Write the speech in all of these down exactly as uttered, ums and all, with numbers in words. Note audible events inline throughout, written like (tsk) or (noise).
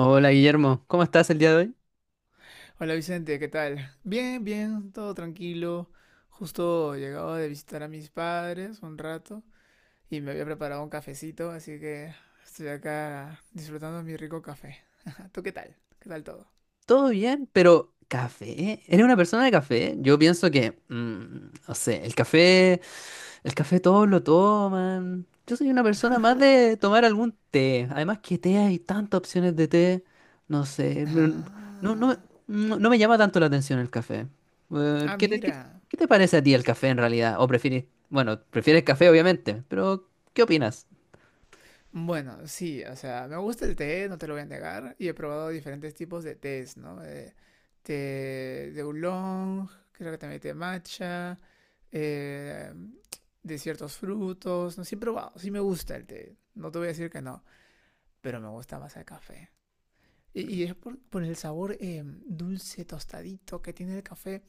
Hola Guillermo, ¿cómo estás el día de hoy? Hola Vicente, ¿qué tal? Bien, bien, todo tranquilo. Justo llegaba de visitar a mis padres un rato y me había preparado un cafecito, así que estoy acá disfrutando mi rico café. (laughs) ¿Tú qué tal? ¿Qué tal todo? Todo bien, pero café. ¿Eh? ¿Eres una persona de café? Yo pienso que, mm, no sé, el café, el café todos lo toman. Yo soy una persona más de tomar algún té. Además que té hay tantas opciones de té. No sé. Mm, no, no, Ah, no, no me llama tanto la atención el café. Eh, ah, ¿Qué te, qué- mira. qué te parece a ti el café en realidad? ¿O prefieres, bueno, prefieres café obviamente, pero qué opinas? Bueno, sí, o sea, me gusta el té, no te lo voy a negar, y he probado diferentes tipos de tés, ¿no? Eh, té de oolong, creo que también té matcha, eh, de ciertos frutos. No, sé, sí he probado, sí me gusta el té. No te voy a decir que no, pero me gusta más el café. Y, y es por, por el sabor eh, dulce, tostadito que tiene el café.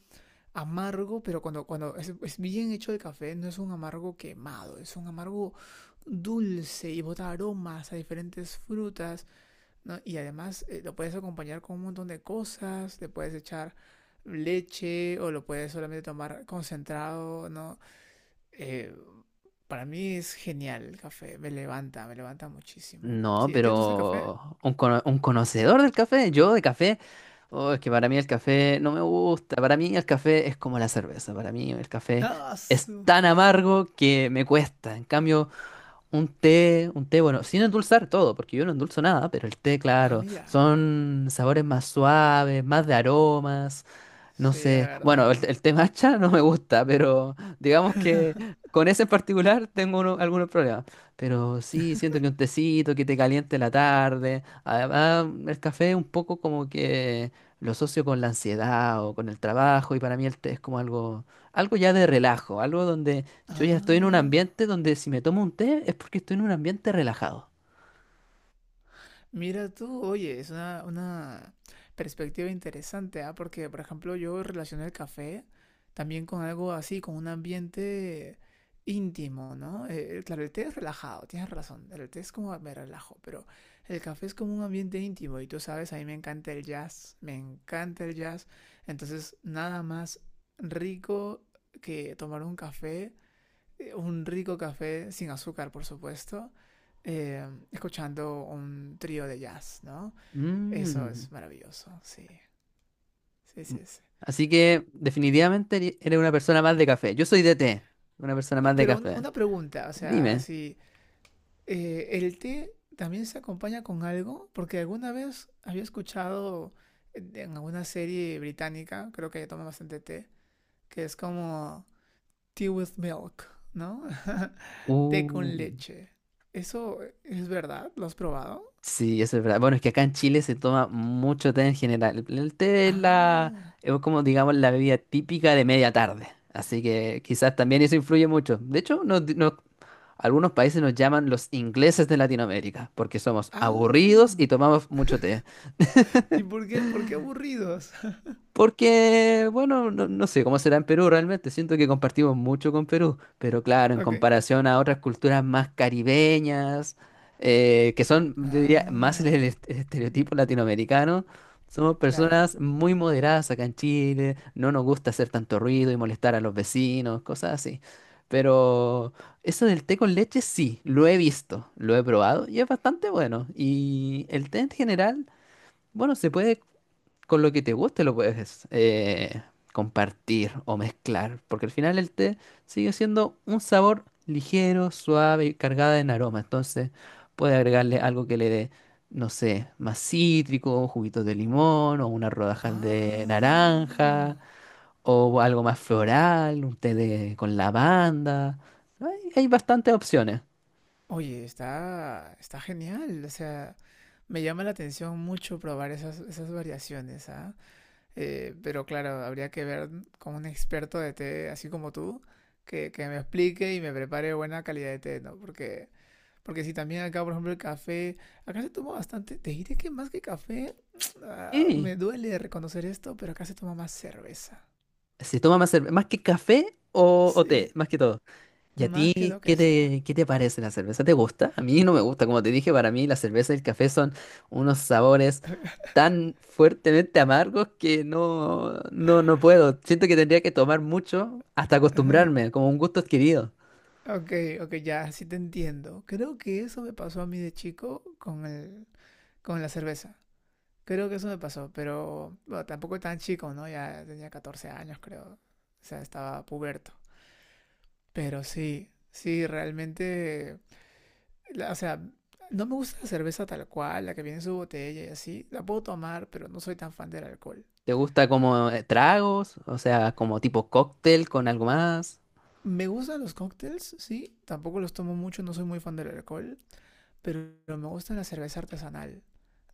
Amargo, pero cuando, cuando es, es bien hecho el café, no es un amargo quemado, es un amargo dulce y bota aromas a diferentes frutas, ¿no? Y además eh, lo puedes acompañar con un montón de cosas, le puedes echar leche o lo puedes solamente tomar concentrado, ¿no? Eh, para mí es genial el café, me levanta, me levanta muchísimo. No, Sí, ¿a ti no te gusta el café? pero un, cono- un conocedor del café, yo de café, oh, es que para mí el café no me gusta, para mí el café es como la cerveza, para mí el café Ah, es su. tan amargo que me cuesta, en cambio un té, un té, bueno, sin endulzar todo, porque yo no endulzo nada, pero el té, Ah, claro, mira. son sabores más suaves, más de aromas, no Sí, es sé. verdad. Bueno, el, el té matcha no me gusta, pero digamos que con ese en particular tengo uno- algunos problemas. Pero sí, siento que un tecito que te caliente la tarde. Además, el café un poco como que lo asocio con la ansiedad o con el trabajo, y para mí el té es como algo, algo ya de relajo, algo donde yo ya estoy en un Ah. ambiente donde si me tomo un té es porque estoy en un ambiente relajado. Mira tú, oye, es una, una perspectiva interesante, ¿ah? Porque, por ejemplo, yo relacioné el café también con algo así, con un ambiente íntimo, ¿no? Eh, eh, claro, el té es relajado, tienes razón, el té es como me relajo, pero el café es como un ambiente íntimo y tú sabes, a mí me encanta el jazz, me encanta el jazz, entonces nada más rico que tomar un café un rico café sin azúcar, por supuesto, eh, escuchando un trío de jazz, ¿no? Eso Mm. es maravilloso, sí, sí, sí, sí. Así que definitivamente eri- eres una persona más de café. Yo soy de té, una persona más No, de pero un- café. una pregunta, o sea, Dime. si eh, el té también se acompaña con algo, porque alguna vez había escuchado en en alguna serie británica, creo que toman bastante té, que es como tea with milk, ¿no? (laughs) Té Uh. con leche. ¿Eso es verdad? ¿Lo has probado? Sí, eso es verdad. Bueno, es que acá en Chile se toma mucho té en general. El el té es la, Ah, es como digamos la bebida típica de media tarde. Así que quizás también eso influye mucho. De hecho, nos, di- nos- algunos países nos llaman los ingleses de Latinoamérica, porque somos aburridos y Ah, tomamos mucho té. ¿y por qué, por qué (laughs) aburridos? (laughs) Porque, bueno, no, no sé cómo será en Perú realmente, siento que compartimos mucho con Perú, pero claro, en Ok. comparación a otras culturas más caribeñas, eh, que son, yo diría, más el, el Ah, est- el estereotipo latinoamericano, somos claro. personas muy moderadas acá en Chile, no nos gusta hacer tanto ruido y molestar a los vecinos, cosas así. Pero eso del té con leche sí, lo he visto, lo he probado y es bastante bueno. Y el té en general... Bueno, se puede con lo que te guste lo puedes eh, compartir o mezclar, porque al final el té sigue siendo un sabor ligero, suave y cargada en aroma. Entonces, puede agregarle algo que le dé, no sé, más cítrico, juguitos de limón o unas rodajas de naranja Ah. o algo más floral, un té de, con lavanda. Hay, hay bastantes opciones. Oye, está, está genial. O sea, me llama la atención mucho probar esas, esas variaciones, ¿ah? Eh, pero claro, habría que ver con un experto de té, así como tú, que, que me explique y me prepare buena calidad de té, ¿no? Porque Porque si también acá, por ejemplo, el café, acá se toma bastante, te diré que más que café, (tsk) ah, Y me duele reconocer esto, pero acá se toma más cerveza. se toma más, cerve- más que café o, o Sí, té, más que todo. ¿Y a más que ti lo que qué sea. te, qué te parece la cerveza? ¿Te gusta? A mí no me gusta. Como te dije, para mí la cerveza y el café son unos sabores (laughs) tan fuertemente amargos que no, no, no puedo. Siento que tendría que tomar mucho hasta acostumbrarme, como un gusto adquirido. Ok, ok, ya, sí te entiendo. Creo que eso me pasó a mí de chico con el, con la cerveza. Creo que eso me pasó, pero bueno, tampoco tan chico, ¿no? Ya tenía catorce años, creo. O sea, estaba puberto. Pero sí, sí, realmente la- o sea, no me gusta la cerveza tal cual, la que viene en su botella y así. La puedo tomar, pero no soy tan fan del alcohol. ¿Te gusta como eh, tragos? O sea, como tipo cóctel con algo más. Me gustan los cócteles, sí. Tampoco los tomo mucho, no soy muy fan del alcohol. Pero me gusta la cerveza artesanal.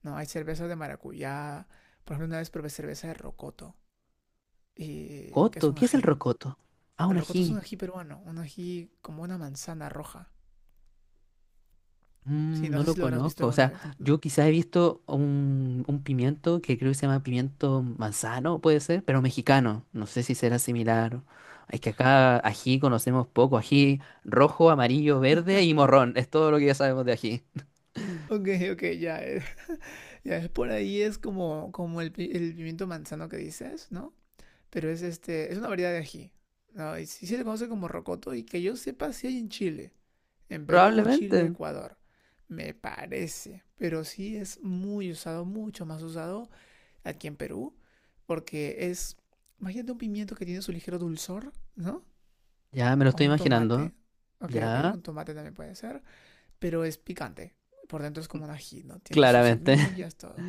No, hay cerveza de maracuyá. Por ejemplo, una vez probé cerveza de rocoto, y, que es ¿Coto? un ¿Qué es el ají. rocoto? Ah, El un rocoto es un ají. ají peruano, un ají como una manzana roja. Sí, Mm, no no sé lo si lo habrás visto conozco. O alguna sea, vez. yo quizás he visto un, un pimiento que creo que se llama pimiento manzano, puede ser, pero mexicano. No sé si será similar. Es que acá ají conocemos poco. Ají rojo, amarillo, verde y morrón. Es todo lo que ya sabemos de ají. Ok, ok, ya, eh, (laughs) ya es por ahí, es como, como el, pi- el pimiento manzano que dices, ¿no? Pero es este, es una variedad de ají. ¿No? Y sí sí se le conoce como rocoto y que yo sepa si hay en Chile, en Perú, Chile, Probablemente. Ecuador. Me parece, pero sí es muy usado, mucho más usado aquí en Perú, porque es, imagínate un pimiento que tiene su ligero dulzor, ¿no? Ya me lo O estoy un imaginando. tomate, ok, ok, Ya, un tomate también puede ser, pero es picante. Por dentro es como un ají, ¿no? Tiene sus claramente. semillas, (laughs) todo.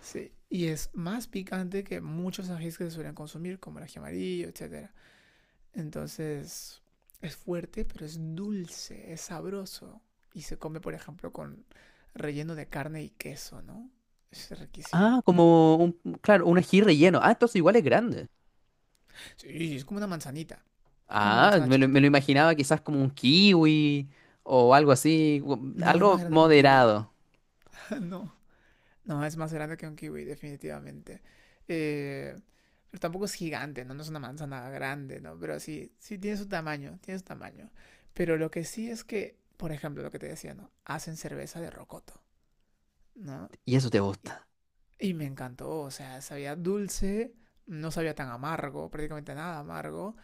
Sí, y es más picante que muchos ajís que se suelen consumir, como el ají amarillo, etcétera. Entonces es fuerte, pero es dulce, es sabroso. Y se come, por ejemplo, con relleno de carne y queso, ¿no? Es riquísimo. Ah, como un, claro, un ají relleno. Ah, entonces igual es grande. Sí, es como una manzanita. Es como una Ah, manzana me lo, me chiquita. lo imaginaba quizás como un kiwi o algo así, u- No, es más algo grande que un kiwi. moderado. (laughs) no, no, es más grande que un kiwi, definitivamente. Eh, pero tampoco es gigante, ¿no? No es una manzana grande, ¿no? Pero sí, sí tiene su tamaño, tiene su tamaño. Pero lo que sí es que, por ejemplo, lo que te decía, ¿no? Hacen cerveza de rocoto, ¿no? Y eso te Y gusta. Y me encantó, o sea, sabía dulce, no sabía tan amargo, prácticamente nada amargo,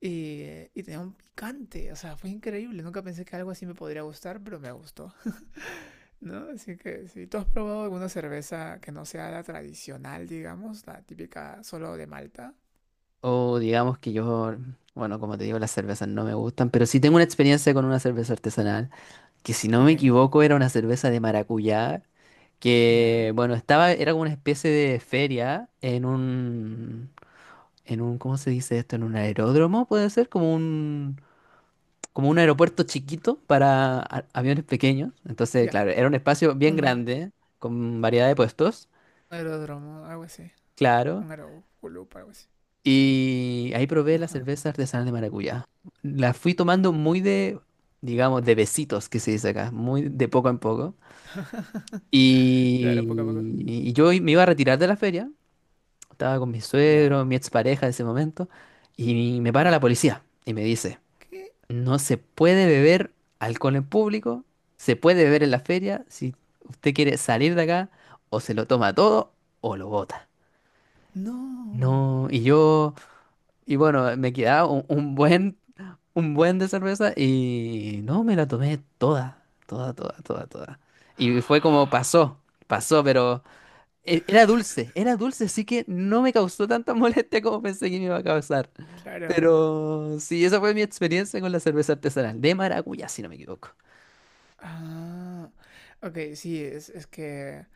y, y tenía un picante, o sea, fue increíble, nunca pensé que algo así me podría gustar, pero me gustó, (laughs) ¿no? Así que si tú has probado alguna cerveza que no sea la tradicional, digamos, la típica solo de Malta, O digamos que yo, bueno, como te digo, las cervezas no me gustan, pero sí tengo una experiencia con una cerveza artesanal, que si no ok, me ya, equivoco era una cerveza de maracuyá, yeah. que bueno, estaba, era como una especie de feria en un, en un, ¿cómo se dice esto? En un aeródromo, puede ser, como un, como un aeropuerto chiquito para a- aviones pequeños. Entonces, Ya, yeah. claro, era un espacio bien Un grande, con variedad de puestos, aeródromo, algo así, claro. un aeroclub, algo así, Y ahí probé la ajá, cerveza artesanal de maracuyá. La fui tomando muy de, digamos, de besitos, que se dice acá, muy de poco en poco. (laughs) claro, poco a poco, Y, y yo me iba a retirar de la feria, estaba con mi ya, yeah. suegro, mi expareja de ese momento, y me para la Wow, policía y me dice, ¿qué? no se puede beber alcohol en público, se puede beber en la feria, si usted quiere salir de acá, o se lo toma todo o lo bota. No. No, y yo... Y bueno, me quedaba un, un buen, un buen de cerveza y no, me la tomé toda, toda, toda, toda, toda. Y fue como pasó, pasó, pero e- era dulce, era dulce, así que no me causó tanta (laughs) molestia como pensé que me iba a causar. Claro. Pero sí, esa fue mi experiencia con la cerveza artesanal de maracuyá, si no me equivoco. Ah, ok, sí, es, es que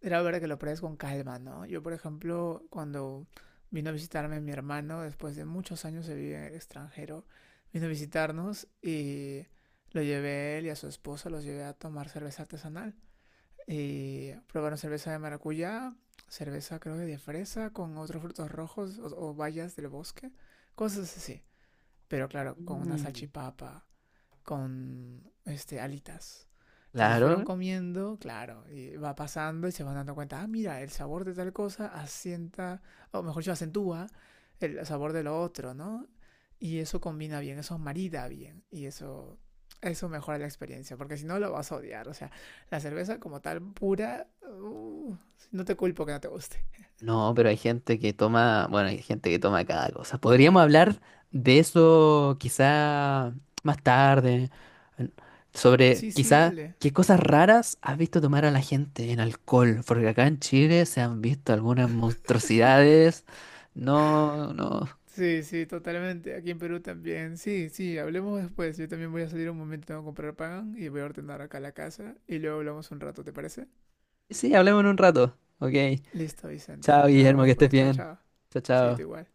era verdad que lo pruebes con calma, ¿no? Yo, por ejemplo, cuando vino a visitarme mi hermano, después de muchos años de vivir en el extranjero, vino a visitarnos y lo llevé él y a su esposa, los llevé a tomar cerveza artesanal. Y probaron cerveza de maracuyá, cerveza creo que de fresa, con otros frutos rojos o, o bayas del bosque, cosas así. Pero claro, con una Mm. salchipapa con este, alitas. Entonces fueron Claro, comiendo, claro, y va pasando y se van dando cuenta, ah, mira, el sabor de tal cosa asienta, o mejor dicho, acentúa el sabor de lo otro, ¿no? Y eso combina bien, eso marida bien, y eso, eso mejora la experiencia, porque si no lo vas a odiar, o sea, la cerveza como tal pura, uh, no te culpo que no te guste. no, pero hay gente que toma, bueno, hay gente que toma cada cosa. Podríamos hablar de eso quizá más tarde, en- sobre Sí, sí, quizá dale, qué cosas raras has visto tomar a la gente en alcohol, porque acá en Chile se han visto algunas monstruosidades. No, no. sí, sí, totalmente. Aquí en Perú también. Sí, sí, hablemos después. Yo también voy a salir un momento, tengo que comprar pan y voy a ordenar acá la casa y luego hablamos un rato, ¿te parece? Sí, sí, hablemos en un rato. Ok. Listo, Vicente. Chao, Nos Guillermo, vemos que estés después. Chao, bien. chao. Chao, Sí, tú chao. igual.